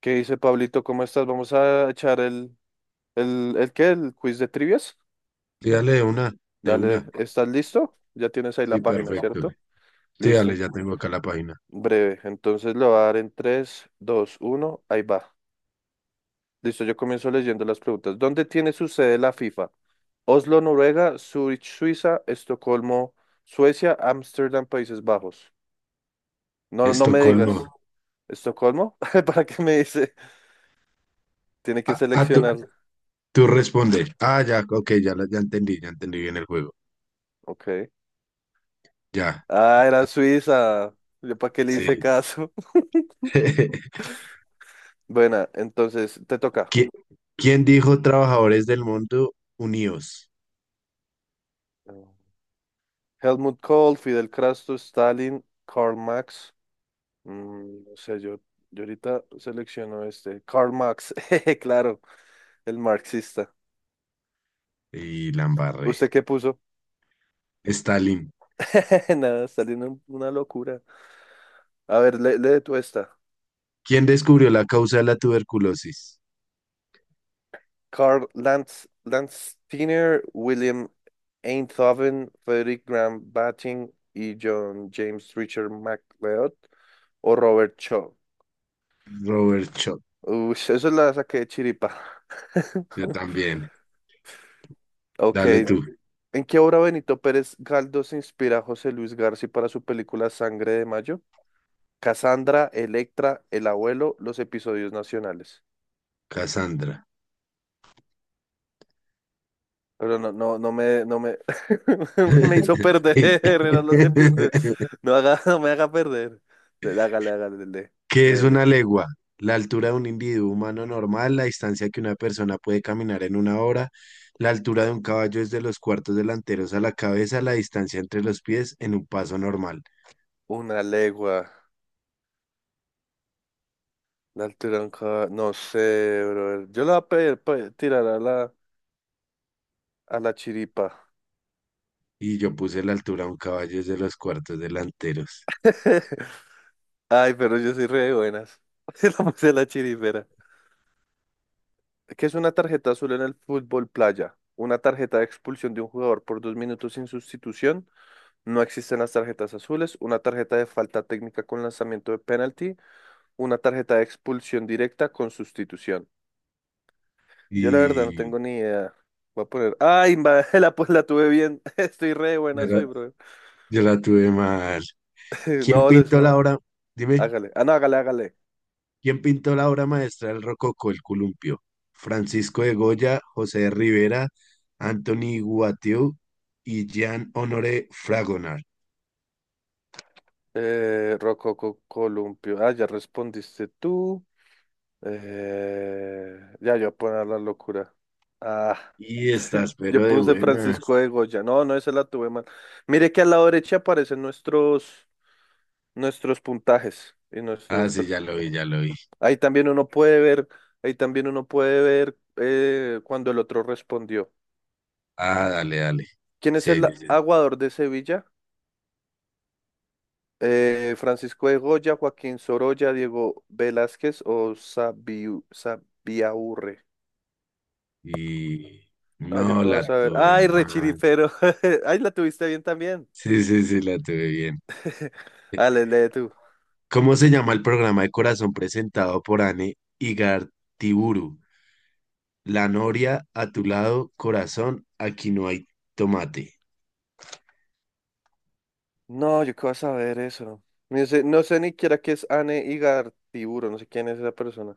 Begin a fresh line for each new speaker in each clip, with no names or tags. ¿Qué dice Pablito? ¿Cómo estás? Vamos a echar el quiz de trivias.
Sí, dale de una, de
Dale,
una.
¿estás listo? Ya tienes ahí la
Sí,
página,
perfecto.
¿cierto?
Sí, dale,
Listo,
ya tengo acá la página.
breve. Entonces lo va a dar en tres, dos, uno, ahí va. Listo, yo comienzo leyendo las preguntas. ¿Dónde tiene su sede la FIFA? Oslo, Noruega; Zurich, Suiza; Estocolmo, Suecia; Ámsterdam, Países Bajos. No, no me
Estocolmo.
digas. ¿Estocolmo? ¿Para qué me dice? Tiene que
Ah, ah, tú,
seleccionar.
tú respondes. Ah, ya, ok, ya, ya entendí bien el juego.
Ok.
Ya,
Ah, era Suiza. ¿Yo para qué le hice
sí.
caso? Buena, entonces te toca.
¿Qui- ¿Quién dijo trabajadores del mundo unidos?
Helmut Kohl, Fidel Castro, Stalin, Karl Marx. No sé, yo ahorita selecciono este. Karl Marx, jeje, claro, el marxista.
Y la embarré.
¿Usted qué puso?
Stalin.
Nada, Stalin, una locura. A ver, lee, lee tú esta.
¿Quién descubrió la causa de la tuberculosis?
Karl Lanz, Tiner, William Einthoven, Frederick Graham Batting y John James Richard MacLeod o Robert Shaw.
Robert Schoch.
Uy, eso la saqué de chiripa.
Yo también.
Ok,
Dale tú,
¿en qué obra Benito Pérez Galdós se inspira José Luis García para su película Sangre de Mayo? Cassandra, Electra, El Abuelo, los episodios nacionales.
Cassandra.
Pero no, no, no me me hizo perder, eran los episodios. No haga, no me haga perder. Dele, hágale, lee,
¿Qué es
léele.
una legua? La altura de un individuo humano normal, la distancia que una persona puede caminar en una hora, la altura de un caballo desde los cuartos delanteros a la cabeza, la distancia entre los pies en un paso normal.
Una legua, la altura de un no sé, bro. Yo la voy a tirar a la chiripa.
Y yo puse la altura de un caballo desde los cuartos delanteros.
Ay, pero yo soy re de buenas. Se la puse a la chirifera. ¿Qué es una tarjeta azul en el fútbol playa? Una tarjeta de expulsión de un jugador por 2 minutos sin sustitución. No existen las tarjetas azules. Una tarjeta de falta técnica con lanzamiento de penalti. Una tarjeta de expulsión directa con sustitución. Yo la verdad no
Y
tengo ni idea. Voy a poner. Pues la tuve bien. Estoy re de
yo
buenas
la,
hoy, bro.
yo la tuve mal. ¿Quién
No, les...
pintó la obra? Dime.
hágale. Ah, no, hágale, hágale.
¿Quién pintó la obra maestra del Rococó, el columpio? Francisco de Goya, José de Rivera, Antoni Guattieu y Jean-Honoré Fragonard.
Rococo Columpio. Ah, ya respondiste tú. Ya yo voy a poner la locura. Ah,
Y estás,
yo
pero de
puse
buenas.
Francisco de Goya. No, no, esa la tuve mal. Mire que a la derecha aparecen nuestros puntajes y
Ah,
nuestros
sí, ya lo vi,
perfecciones.
ya lo vi.
Ahí también uno puede ver, ahí también uno puede ver cuando el otro respondió.
Ah, dale, dale.
¿Quién es
Sí, ahí
el
dice.
aguador de Sevilla? Francisco de Goya, Joaquín Sorolla, Diego Velázquez o Sabiu, Sabiaurre.
Y
No, yo
no
qué
la
vas a ver.
tuve
Ay,
mal.
rechiripero. Ay, la tuviste bien también.
Sí, sí, sí, la tuve bien.
Ale, lee tú.
¿Cómo se llama el programa de corazón presentado por Anne Igartiburu? La noria a tu lado, corazón, aquí no hay tomate.
No, yo qué vas a ver eso. No sé ni siquiera qué es Anne Igartiburu, no sé quién es esa persona.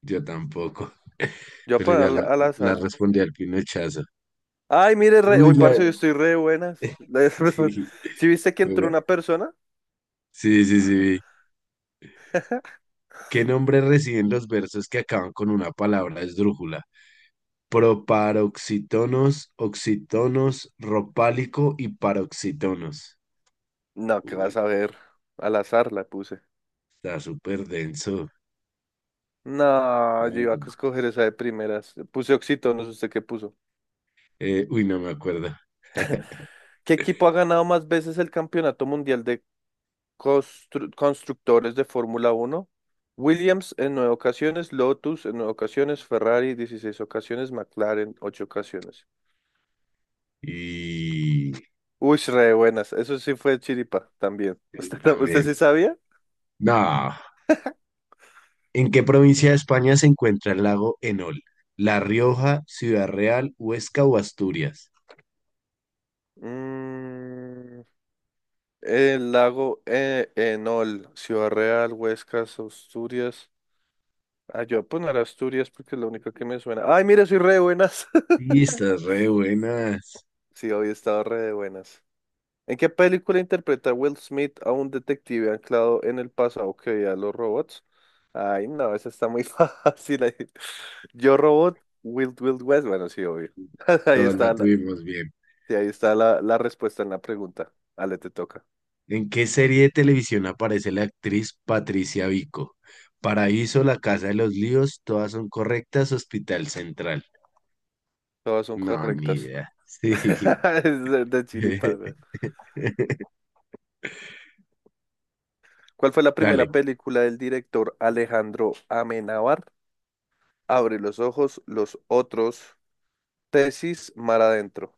Yo tampoco,
Yo
pero
voy a poner al
la
azar.
respondí al pinochazo.
Ay, mire, re...
Uy,
uy,
la...
parce, yo estoy re de buenas.
Sí,
¿Sí viste que entró
juega.
una persona?
Sí, sí, sí. ¿Qué nombre reciben los versos que acaban con una palabra esdrújula? Proparoxítonos, oxítonos, ropálico y paroxítonos.
No, qué vas
Uy,
a ver. Al azar la puse.
está súper denso.
No, yo iba a
Mm.
escoger esa de primeras. Puse Oxito, no sé usted qué puso.
No me acuerdo.
¿Qué equipo ha ganado más veces el Campeonato Mundial de constructores de Fórmula Uno? Williams en nueve ocasiones, Lotus en nueve ocasiones, Ferrari 16 ocasiones, McLaren ocho ocasiones.
Y
Uy, re buenas. Eso sí fue chiripa también. ¿Usted, usted
también.
sí sabía?
No. ¿En qué provincia de España se encuentra el lago Enol? ¿La Rioja, Ciudad Real, Huesca o Asturias?
Mm, el lago Enol, Ciudad Real, Huescas, Asturias. Ah, yo voy a poner Asturias porque es la única que me suena. Ay, mira, soy re de buenas.
Sí, estás re buenas.
Sí, hoy he estado re de buenas. ¿En qué película interpreta Will Smith a un detective anclado en el pasado que veía a los robots? Ay, no, esa está muy fácil ahí. Yo Robot, Wild Wild West. Bueno, sí, obvio. Ahí
Todas
está
la
la,
tuvimos bien.
sí, ahí está la respuesta en la pregunta. Ale, te toca.
¿En qué serie de televisión aparece la actriz Patricia Vico? Paraíso, La Casa de los Líos, todas son correctas, Hospital Central.
Todas son
No, ni
correctas.
idea. Sí.
Es de chiripa, güey. ¿Cuál fue la
Dale.
primera película del director Alejandro Amenábar? Abre los ojos, los otros. Tesis, mar adentro.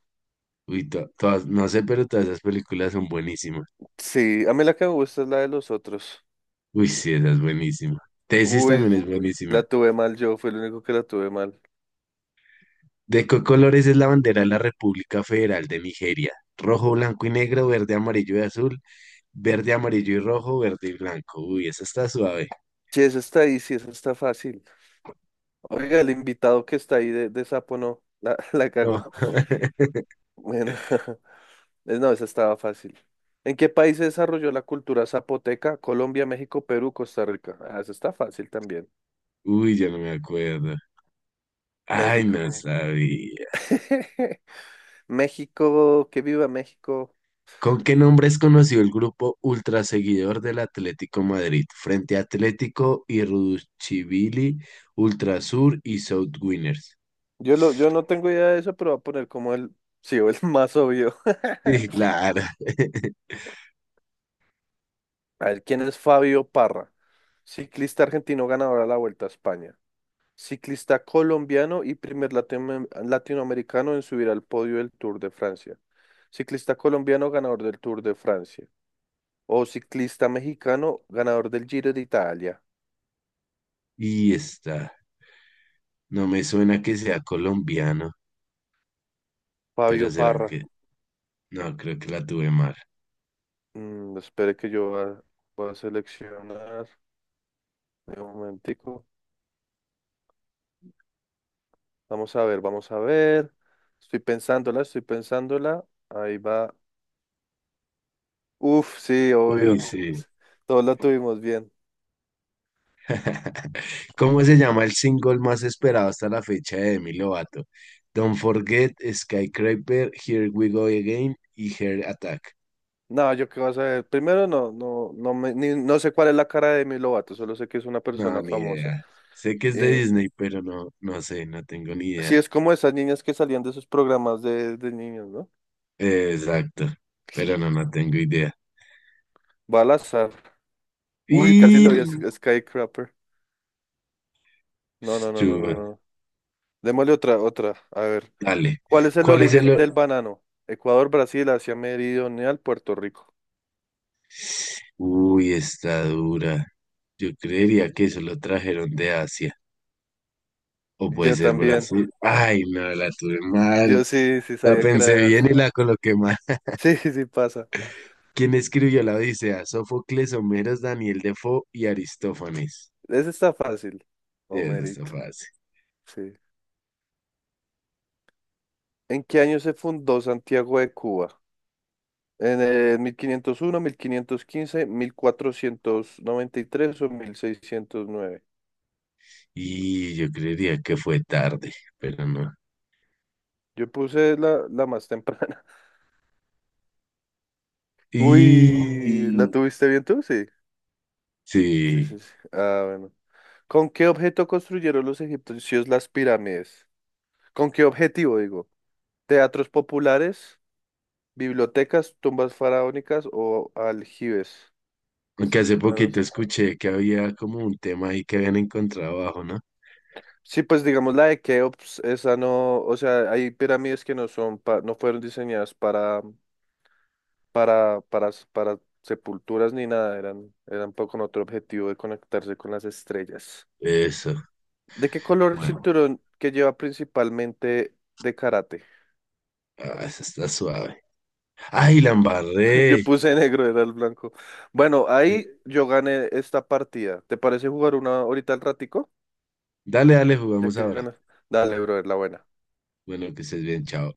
Uy, todas, no sé, pero todas esas películas son buenísimas.
Sí, a mí la que me gusta es la de los otros.
Uy, sí, esa es buenísima. Tesis
Uy,
también es buenísima.
la tuve mal yo, fue el único que la tuve mal.
¿De qué colores es la bandera de la República Federal de Nigeria? Rojo, blanco y negro, verde, amarillo y azul, verde, amarillo y rojo, verde y blanco. Uy, esa está suave.
Sí, esa está ahí, sí, esa está fácil. Oiga, el invitado que está ahí de sapo no, la, la cagó.
No,
Bueno, no, esa estaba fácil. ¿En qué país se desarrolló la cultura zapoteca? Colombia, México, Perú, Costa Rica. Ah, esa está fácil también.
uy, yo no me acuerdo. Ay,
México.
no sabía.
México, que viva México.
¿Con qué nombre es conocido el grupo ultra seguidor del Atlético Madrid? Frente Atlético y Ruchibili, Ultrasur y South Winners.
Yo no tengo idea de eso, pero voy a poner como sí, o el más obvio.
Sí, claro.
A ver, ¿quién es Fabio Parra? Ciclista argentino ganador a la Vuelta a España. Ciclista colombiano y primer latinoamericano en subir al podio del Tour de Francia. Ciclista colombiano ganador del Tour de Francia. O ciclista mexicano ganador del Giro de Italia.
Y está. No me suena que sea colombiano,
Fabio
pero será
Parra.
que. No, creo que la tuve mal.
Espere que voy a seleccionar. Un momentico. Vamos a ver, vamos a ver. Estoy pensándola, estoy pensándola. Ahí va. Uf, sí,
Uy,
obvio.
no. Sí.
Todos la tuvimos bien.
¿Cómo se llama el single más esperado hasta la fecha de Demi Lovato? Don't Forget, Skyscraper, Here We Go Again y Heart Attack.
No, yo qué vas a ver. Primero, no, no, no, no sé cuál es la cara de Demi Lovato, solo sé que es una
No,
persona
ni
famosa.
idea. Sé que es de
Eh,
Disney, pero no, no sé, no tengo ni
sí,
idea.
es como esas niñas que salían de esos programas de niños, ¿no?
Exacto, pero no, no tengo idea.
Balazar. Uy, casi lo vi a
Y...
Skycrapper. No, no, no, no, no,
Stuart,
no. Démosle otra, otra. A ver.
dale.
¿Cuál es el
¿Cuál es el...?
origen del banano? Ecuador, Brasil, Asia Meridional, Puerto Rico.
Uy, está dura. Yo creería que eso lo trajeron de Asia. O puede
Yo
ser
también.
Brasil. Ay, no, la tuve mal.
Sí
La
sabía que era
pensé
de
bien y
Asia.
la coloqué mal.
Sí, sí pasa.
¿Quién escribió la Odisea? Sófocles, Homero Daniel Defoe y Aristófanes.
Ese está fácil.
Sí, eso está
Homerito.
fácil.
Sí. ¿En qué año se fundó Santiago de Cuba? ¿En el 1501, 1515, 1493 o 1609?
Y yo creería que fue tarde, pero no.
Yo puse la más temprana. Uy,
Y
¿la tuviste bien tú? Sí. Sí, sí,
sí,
sí. Ah, bueno. ¿Con qué objeto construyeron los egipcios las pirámides? ¿Con qué objetivo, digo? ¿Teatros populares, bibliotecas, tumbas faraónicas o aljibes?
aunque hace
Bueno,
poquito
sí.
escuché que había como un tema ahí que habían encontrado abajo, ¿no?
Sí, pues digamos la de Keops, esa no, o sea, hay pirámides que no son no fueron diseñadas para para sepulturas ni nada, eran con otro objetivo de conectarse con las estrellas.
Eso,
¿De qué color el
bueno,
cinturón que lleva principalmente de karate?
ah, eso está suave. Ay, la
Yo
embarré.
puse negro, era el blanco. Bueno, ahí yo gané esta partida. ¿Te parece jugar una ahorita al ratico?
Dale, dale,
Ya
jugamos
que
ahora.
ganas. Dale, bro, es la buena.
Bueno, que estés bien, chao.